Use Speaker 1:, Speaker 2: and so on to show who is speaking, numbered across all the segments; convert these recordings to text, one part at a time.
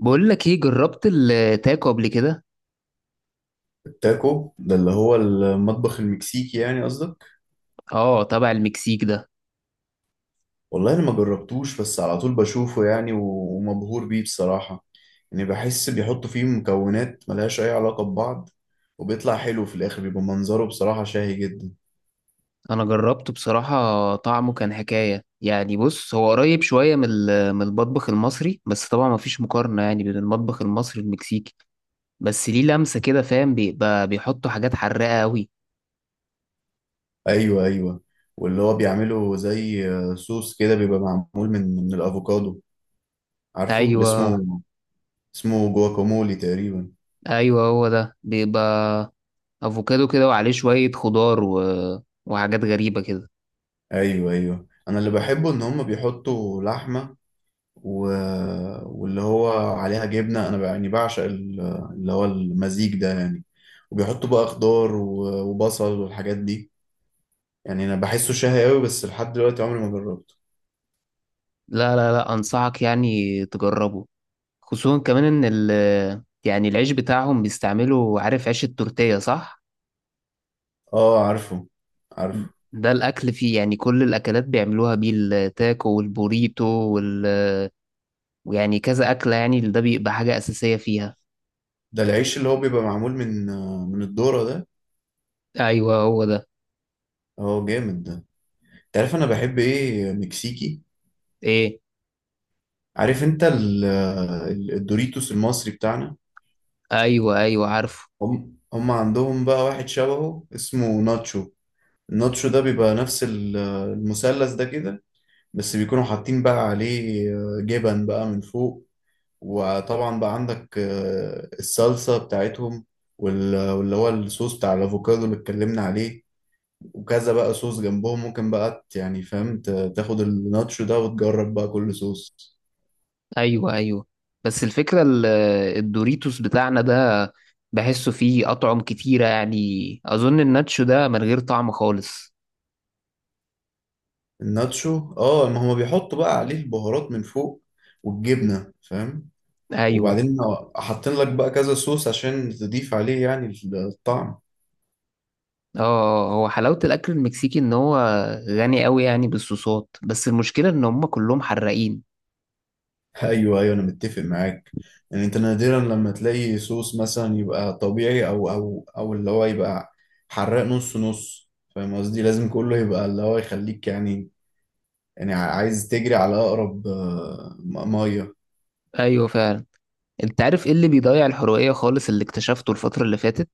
Speaker 1: بقول لك ايه، جربت التاكو قبل كده؟
Speaker 2: التاكو ده اللي هو المطبخ المكسيكي يعني قصدك؟
Speaker 1: اه، تبع المكسيك ده.
Speaker 2: والله انا ما جربتوش، بس على طول بشوفه يعني ومبهور بيه بصراحة. يعني بحس بيحطوا فيه مكونات ملهاش اي علاقة ببعض، وبيطلع حلو في الاخر، بيبقى منظره بصراحة شاهي جدا.
Speaker 1: انا جربته بصراحة، طعمه كان حكاية يعني. بص، هو قريب شوية من المطبخ المصري، بس طبعا مفيش مقارنة يعني بين المطبخ المصري والمكسيكي. بس ليه لمسة كده، فاهم، بيبقى بيحطوا حاجات حراقة قوي.
Speaker 2: ايوه، ايوه. واللي هو بيعمله زي صوص كده، بيبقى معمول من الافوكادو. عارفه اللي
Speaker 1: ايوه،
Speaker 2: اسمه؟ اسمه جواكامولي تقريبا.
Speaker 1: ايوه. هو ده بيبقى افوكادو كده وعليه شوية خضار وحاجات غريبة كده.
Speaker 2: ايوه، ايوه، انا اللي بحبه ان هم بيحطوا لحمة و... واللي هو عليها جبنة. أنا يعني بعشق اللي هو المزيج ده يعني. وبيحطوا بقى خضار وبصل والحاجات دي. يعني أنا بحسه شهي أوي، بس لحد دلوقتي عمري ما جربته.
Speaker 1: لا، لا، لا، انصحك يعني تجربه. خصوصا كمان ان ال يعني العيش بتاعهم بيستعملوا، عارف عيش التورتيه، صح؟
Speaker 2: آه، عارفه. عارفه.
Speaker 1: ده الاكل فيه يعني، كل الاكلات بيعملوها بيه، التاكو والبوريتو ويعني كذا اكله يعني، ده بيبقى حاجه اساسيه فيها.
Speaker 2: ده العيش اللي هو بيبقى معمول من الذرة ده.
Speaker 1: ايوه، هو ده.
Speaker 2: اه، جامد ده. انت عارف انا بحب ايه مكسيكي؟
Speaker 1: ايه؟
Speaker 2: عارف انت الدوريتوس المصري بتاعنا؟
Speaker 1: ايوه، ايوه، عارفه.
Speaker 2: هم عندهم بقى واحد شبهه اسمه ناتشو. النوتش ده بيبقى نفس المثلث ده كده، بس بيكونوا حاطين بقى عليه جبن بقى من فوق، وطبعا بقى عندك الصلصة بتاعتهم، واللي هو الصوص بتاع الأفوكادو اللي اتكلمنا عليه، وكذا بقى صوص جنبهم. ممكن بقى يعني فاهم، تاخد الناتشو ده وتجرب بقى كل صوص.
Speaker 1: ايوه، ايوه. بس الفكره الدوريتوس بتاعنا ده، بحسه فيه اطعم كتيره يعني. اظن الناتشو ده من غير طعم خالص.
Speaker 2: الناتشو، اه، ما هما بيحطوا بقى عليه البهارات من فوق والجبنة، فاهم،
Speaker 1: ايوه.
Speaker 2: وبعدين حاطين لك بقى كذا صوص عشان تضيف عليه يعني الطعم.
Speaker 1: اه، هو حلاوة الأكل المكسيكي إن هو غني أوي يعني بالصوصات، بس المشكلة إن هما كلهم حراقين.
Speaker 2: ايوه، ايوه، انا متفق معاك. يعني انت نادرا لما تلاقي صوص مثلا يبقى طبيعي، او اللي هو يبقى حراق نص نص. فاهم قصدي؟ لازم كله يبقى اللي هو يخليك يعني، يعني عايز تجري على اقرب ميه.
Speaker 1: أيوة، فعلا. أنت عارف إيه اللي بيضيع الحرقية خالص اللي اكتشفته الفترة اللي فاتت؟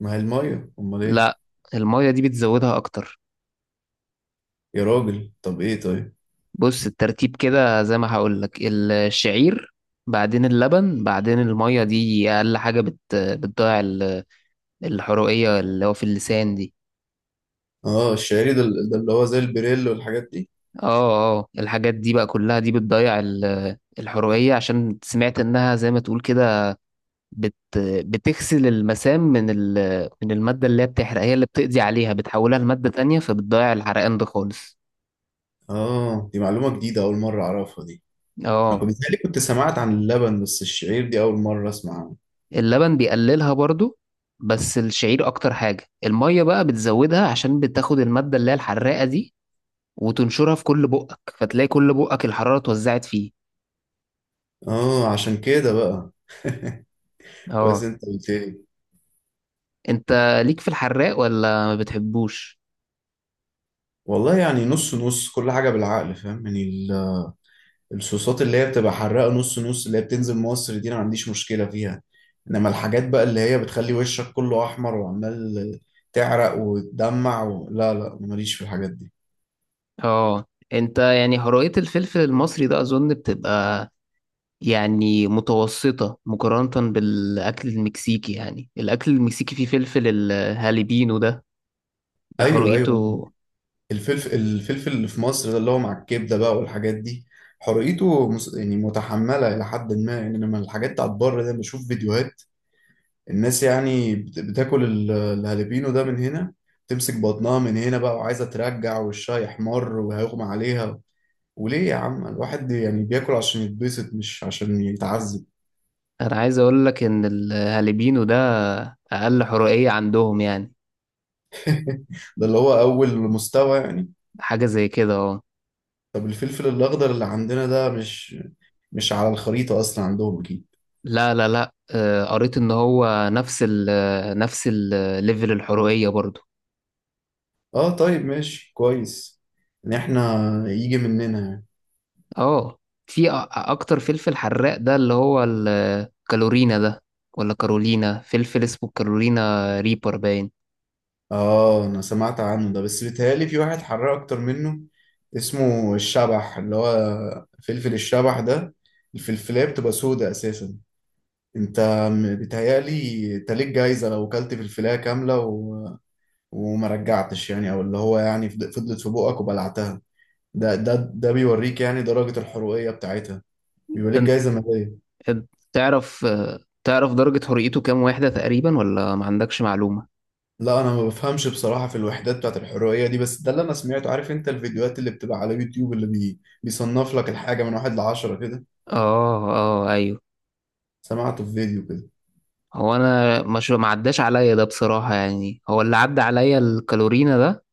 Speaker 2: ما هي الميه، امال ايه؟
Speaker 1: لأ. المية دي بتزودها أكتر.
Speaker 2: يا راجل طب ايه طيب.
Speaker 1: بص، الترتيب كده زي ما هقولك: الشعير، بعدين اللبن، بعدين المية. دي أقل حاجة بتضيع الحرقية اللي هو في اللسان دي.
Speaker 2: اه، الشعري ده، ده اللي هو زي البريل والحاجات دي.
Speaker 1: اه، اه، الحاجات دي بقى كلها دي بتضيع الحرقية عشان سمعت إنها زي ما تقول كده، بت بتغسل المسام من المادة اللي هي بتحرق، هي اللي بتقضي عليها، بتحولها لمادة تانية، فبتضيع الحرقان ده خالص.
Speaker 2: اه، دي معلومه جديده، اول مره اعرفها دي. انا
Speaker 1: اه،
Speaker 2: كنت بيتهيألي كنت سمعت عن اللبن، بس الشعير دي اول مره اسمع عنه.
Speaker 1: اللبن بيقللها برضو، بس الشعير اكتر حاجة. المية بقى بتزودها عشان بتاخد المادة اللي هي الحراقة دي وتنشرها في كل بقك، فتلاقي كل بقك الحرارة اتوزعت فيه.
Speaker 2: اه، عشان كده بقى. كويس
Speaker 1: اه.
Speaker 2: انت قلت لي.
Speaker 1: انت ليك في الحراق ولا ما بتحبوش؟
Speaker 2: والله يعني نص نص، كل حاجه بالعقل، فاهم يعني الصوصات اللي هي بتبقى حراقه نص نص اللي هي بتنزل مصر دي، انا ما عنديش مشكله فيها. انما الحاجات بقى اللي هي بتخلي وشك كله احمر، وعمال تعرق وتدمع لا، لا، ماليش في الحاجات دي.
Speaker 1: اه. انت يعني هراءة الفلفل المصري ده، اظن بتبقى يعني متوسطة مقارنة بالأكل المكسيكي. يعني الأكل المكسيكي فيه فلفل الهاليبينو ده، ده
Speaker 2: ايوه، ايوه،
Speaker 1: حرقته!
Speaker 2: الفلفل اللي في مصر ده، اللي هو مع الكبده بقى والحاجات دي، حرقته يعني متحمله الى حد ما يعني. انما الحاجات بتاعت بره ده، بشوف فيديوهات الناس يعني بتاكل الهالبينو ده من هنا، تمسك بطنها من هنا بقى، وعايزة ترجع وشها يحمر وهيغمى عليها. وليه يا عم؟ الواحد يعني بياكل عشان يتبسط مش عشان يتعذب.
Speaker 1: أنا عايز أقول لك إن الهاليبينو ده أقل حرقية عندهم يعني.
Speaker 2: ده اللي هو أول مستوى يعني.
Speaker 1: حاجة زي كده، أه.
Speaker 2: طب الفلفل الأخضر اللي عندنا ده مش على الخريطة أصلا عندهم أكيد.
Speaker 1: لا، لا، لا، قريت إن هو نفس الليفل الحرقية برضو.
Speaker 2: اه، طيب، ماشي، كويس إن إحنا يجي مننا يعني.
Speaker 1: أه، في أكتر فلفل حراق، ده اللي هو الكالورينا ده، ولا كارولينا، فلفل اسمه كارولينا ريبر باين.
Speaker 2: اه، انا سمعت عنه ده، بس بيتهيألي في واحد حراق اكتر منه، اسمه الشبح، اللي هو فلفل الشبح ده، الفلفلاية بتبقى سودة اساسا. انت بيتهيألي انت ليك جايزة لو اكلت فلفلاية كاملة وما رجعتش يعني، او اللي هو يعني فضلت في بقك وبلعتها، ده بيوريك يعني درجة الحروقية بتاعتها، بيبقى ليك جايزة مالية.
Speaker 1: تعرف تعرف درجة حريته كام واحدة تقريبا، ولا ما عندكش معلومة؟
Speaker 2: لا، انا ما بفهمش بصراحه في الوحدات بتاعت الحريه دي، بس ده اللي انا سمعته. عارف انت الفيديوهات اللي بتبقى على يوتيوب اللي بيصنف لك الحاجه من واحد لعشرة كده،
Speaker 1: اه، اه، ايوه.
Speaker 2: سمعته في فيديو كده.
Speaker 1: هو انا مش، ما عداش عليا ده بصراحة يعني، هو اللي عدى عليا الكالورينا ده،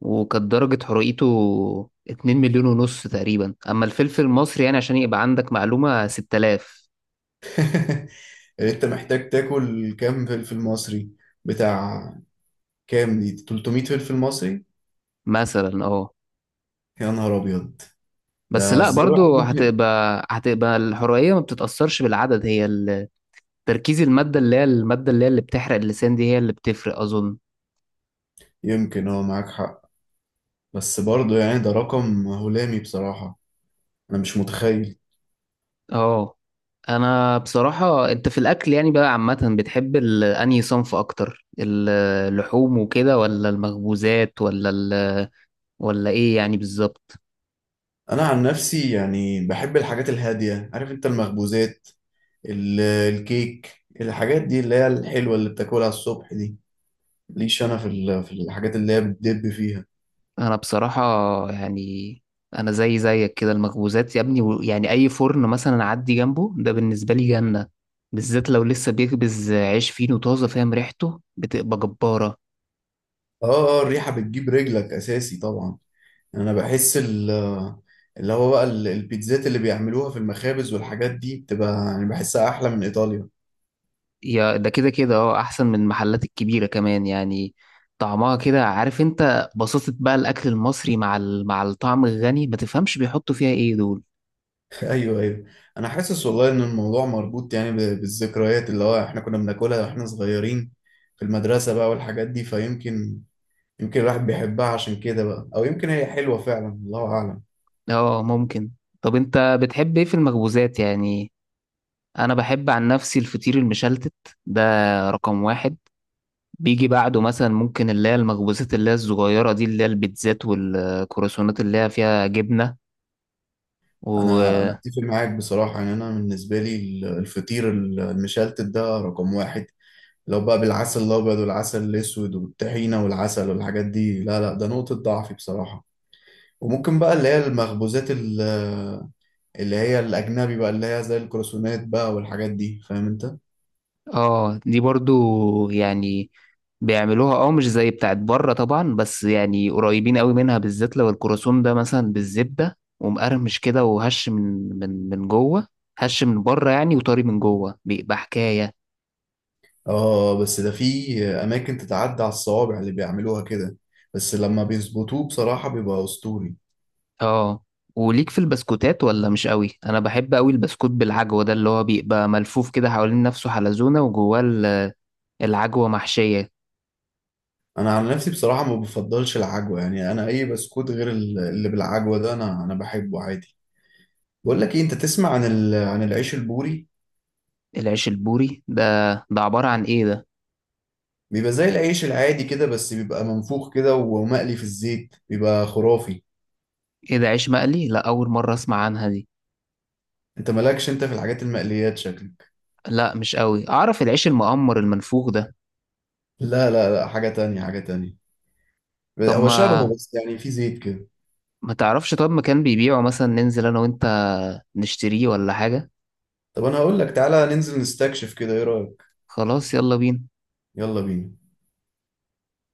Speaker 1: وكانت درجة حرقته 2.5 مليون تقريبا. اما الفلفل المصري، يعني عشان يبقى عندك معلومة، 6000.
Speaker 2: انت محتاج تاكل كام فلفل مصري؟ بتاع كام دي؟ 300 فلفل مصري؟
Speaker 1: مثلا، اه.
Speaker 2: يا نهار ابيض.
Speaker 1: بس
Speaker 2: ده
Speaker 1: لا،
Speaker 2: ازاي الواحد
Speaker 1: برضو
Speaker 2: ممكن؟
Speaker 1: هتبقى الحرقية ما بتتأثرش بالعدد، هي تركيز المادة، اللي هي اللي بتحرق اللسان دي، هي اللي بتفرق أظن.
Speaker 2: يمكن، اه، معاك حق، بس برضه يعني ده رقم هلامي بصراحه، انا مش متخيل.
Speaker 1: اه. انا بصراحة، انت في الاكل يعني بقى عامة بتحب انهي صنف اكتر، اللحوم وكده، ولا المخبوزات، ولا ايه يعني بالظبط؟
Speaker 2: انا عن نفسي يعني بحب الحاجات الهاديه، عارف انت المخبوزات، الكيك، الحاجات دي اللي هي الحلوة اللي بتاكلها الصبح دي، ليش انا في الحاجات اللي هي بتدب فيها.
Speaker 1: انا بصراحة يعني، انا زي زيك كده، المخبوزات يا ابني يعني، اي فرن مثلا اعدي جنبه، ده بالنسبة لي جنة. بالذات لو لسه بيخبز عيش فينو طازة، فاهم، ريحته بتبقى جبارة.
Speaker 2: اه، اه، الريحة بتجيب رجلك اساسي طبعا. يعني انا بحس اللي هو بقى البيتزات اللي بيعملوها في المخابز والحاجات دي بتبقى يعني بحسها احلى من ايطاليا.
Speaker 1: يا، ده كده كده، اه، احسن من المحلات الكبيره كمان يعني. طعمها كده، عارف انت، بساطة بقى الاكل المصري مع مع الطعم الغني، ما تفهمش بيحطوا فيها ايه دول.
Speaker 2: ايوه، ايوه، انا حاسس والله ان الموضوع مربوط يعني بالذكريات اللي هو احنا كنا بناكلها واحنا صغيرين في المدرسة بقى والحاجات دي، فيمكن، يمكن الواحد بيحبها عشان كده بقى، او يمكن هي حلوة فعلا، الله اعلم.
Speaker 1: اه، ممكن. طب انت بتحب ايه في المخبوزات يعني؟ انا بحب عن نفسي الفطير المشلتت، ده رقم واحد. بيجي بعده مثلا ممكن اللي هي المخبوزات اللي هي الصغيره دي، اللي هي البيتزات والكرواسونات اللي هي فيها جبنه و...
Speaker 2: انا اتفق معاك بصراحه، يعني انا بالنسبه لي الفطير المشلتت ده رقم واحد، لو بقى بالعسل الابيض والعسل الاسود والطحينه والعسل والحاجات دي، لا، لا، ده نقطه ضعفي بصراحه. وممكن بقى اللي هي المخبوزات اللي هي الاجنبي بقى، اللي هي زي الكروسونات بقى والحاجات دي، فاهم انت.
Speaker 1: اه، دي برضو يعني بيعملوها، اه، مش زي بتاعت بره طبعا، بس يعني قريبين قوي منها، بالذات لو الكروسون ده مثلا بالزبدة ومقرمش كده وهش من جوه. هش من بره يعني، وطري من جوه، بيبقى حكاية.
Speaker 2: اه، بس ده في اماكن تتعدى على الصوابع اللي بيعملوها كده، بس لما بيظبطوه بصراحه بيبقى اسطوري.
Speaker 1: اه. وليك في البسكوتات ولا مش قوي؟ انا بحب قوي البسكوت بالعجوة ده اللي هو بيبقى ملفوف كده حوالين نفسه حلزونة وجواه العجوة محشية.
Speaker 2: انا عن نفسي بصراحه ما بفضلش العجوه، يعني انا اي بسكوت غير اللي بالعجوه ده انا بحبه عادي. بقول لك ايه، انت تسمع عن عن العيش البوري؟
Speaker 1: العيش البوري ده عبارة عن ايه ده؟
Speaker 2: بيبقى زي العيش العادي كده، بس بيبقى منفوخ كده، ومقلي في الزيت، بيبقى خرافي.
Speaker 1: ايه ده، عيش مقلي؟ لا، اول مرة اسمع عنها دي.
Speaker 2: انت مالكش انت في الحاجات المقليات شكلك.
Speaker 1: لا، مش قوي. اعرف العيش المقمر المنفوخ ده.
Speaker 2: لا، لا، لا، حاجه تانية، حاجه تانية.
Speaker 1: طب،
Speaker 2: هو شبهه،
Speaker 1: ما
Speaker 2: بس يعني في زيت كده.
Speaker 1: ما تعرفش طب مكان بيبيعه مثلا؟ ننزل انا وانت نشتريه ولا حاجة.
Speaker 2: طب انا هقول لك، تعالى ننزل نستكشف كده، ايه رايك؟
Speaker 1: خلاص، يلا بينا.
Speaker 2: يلا بينا.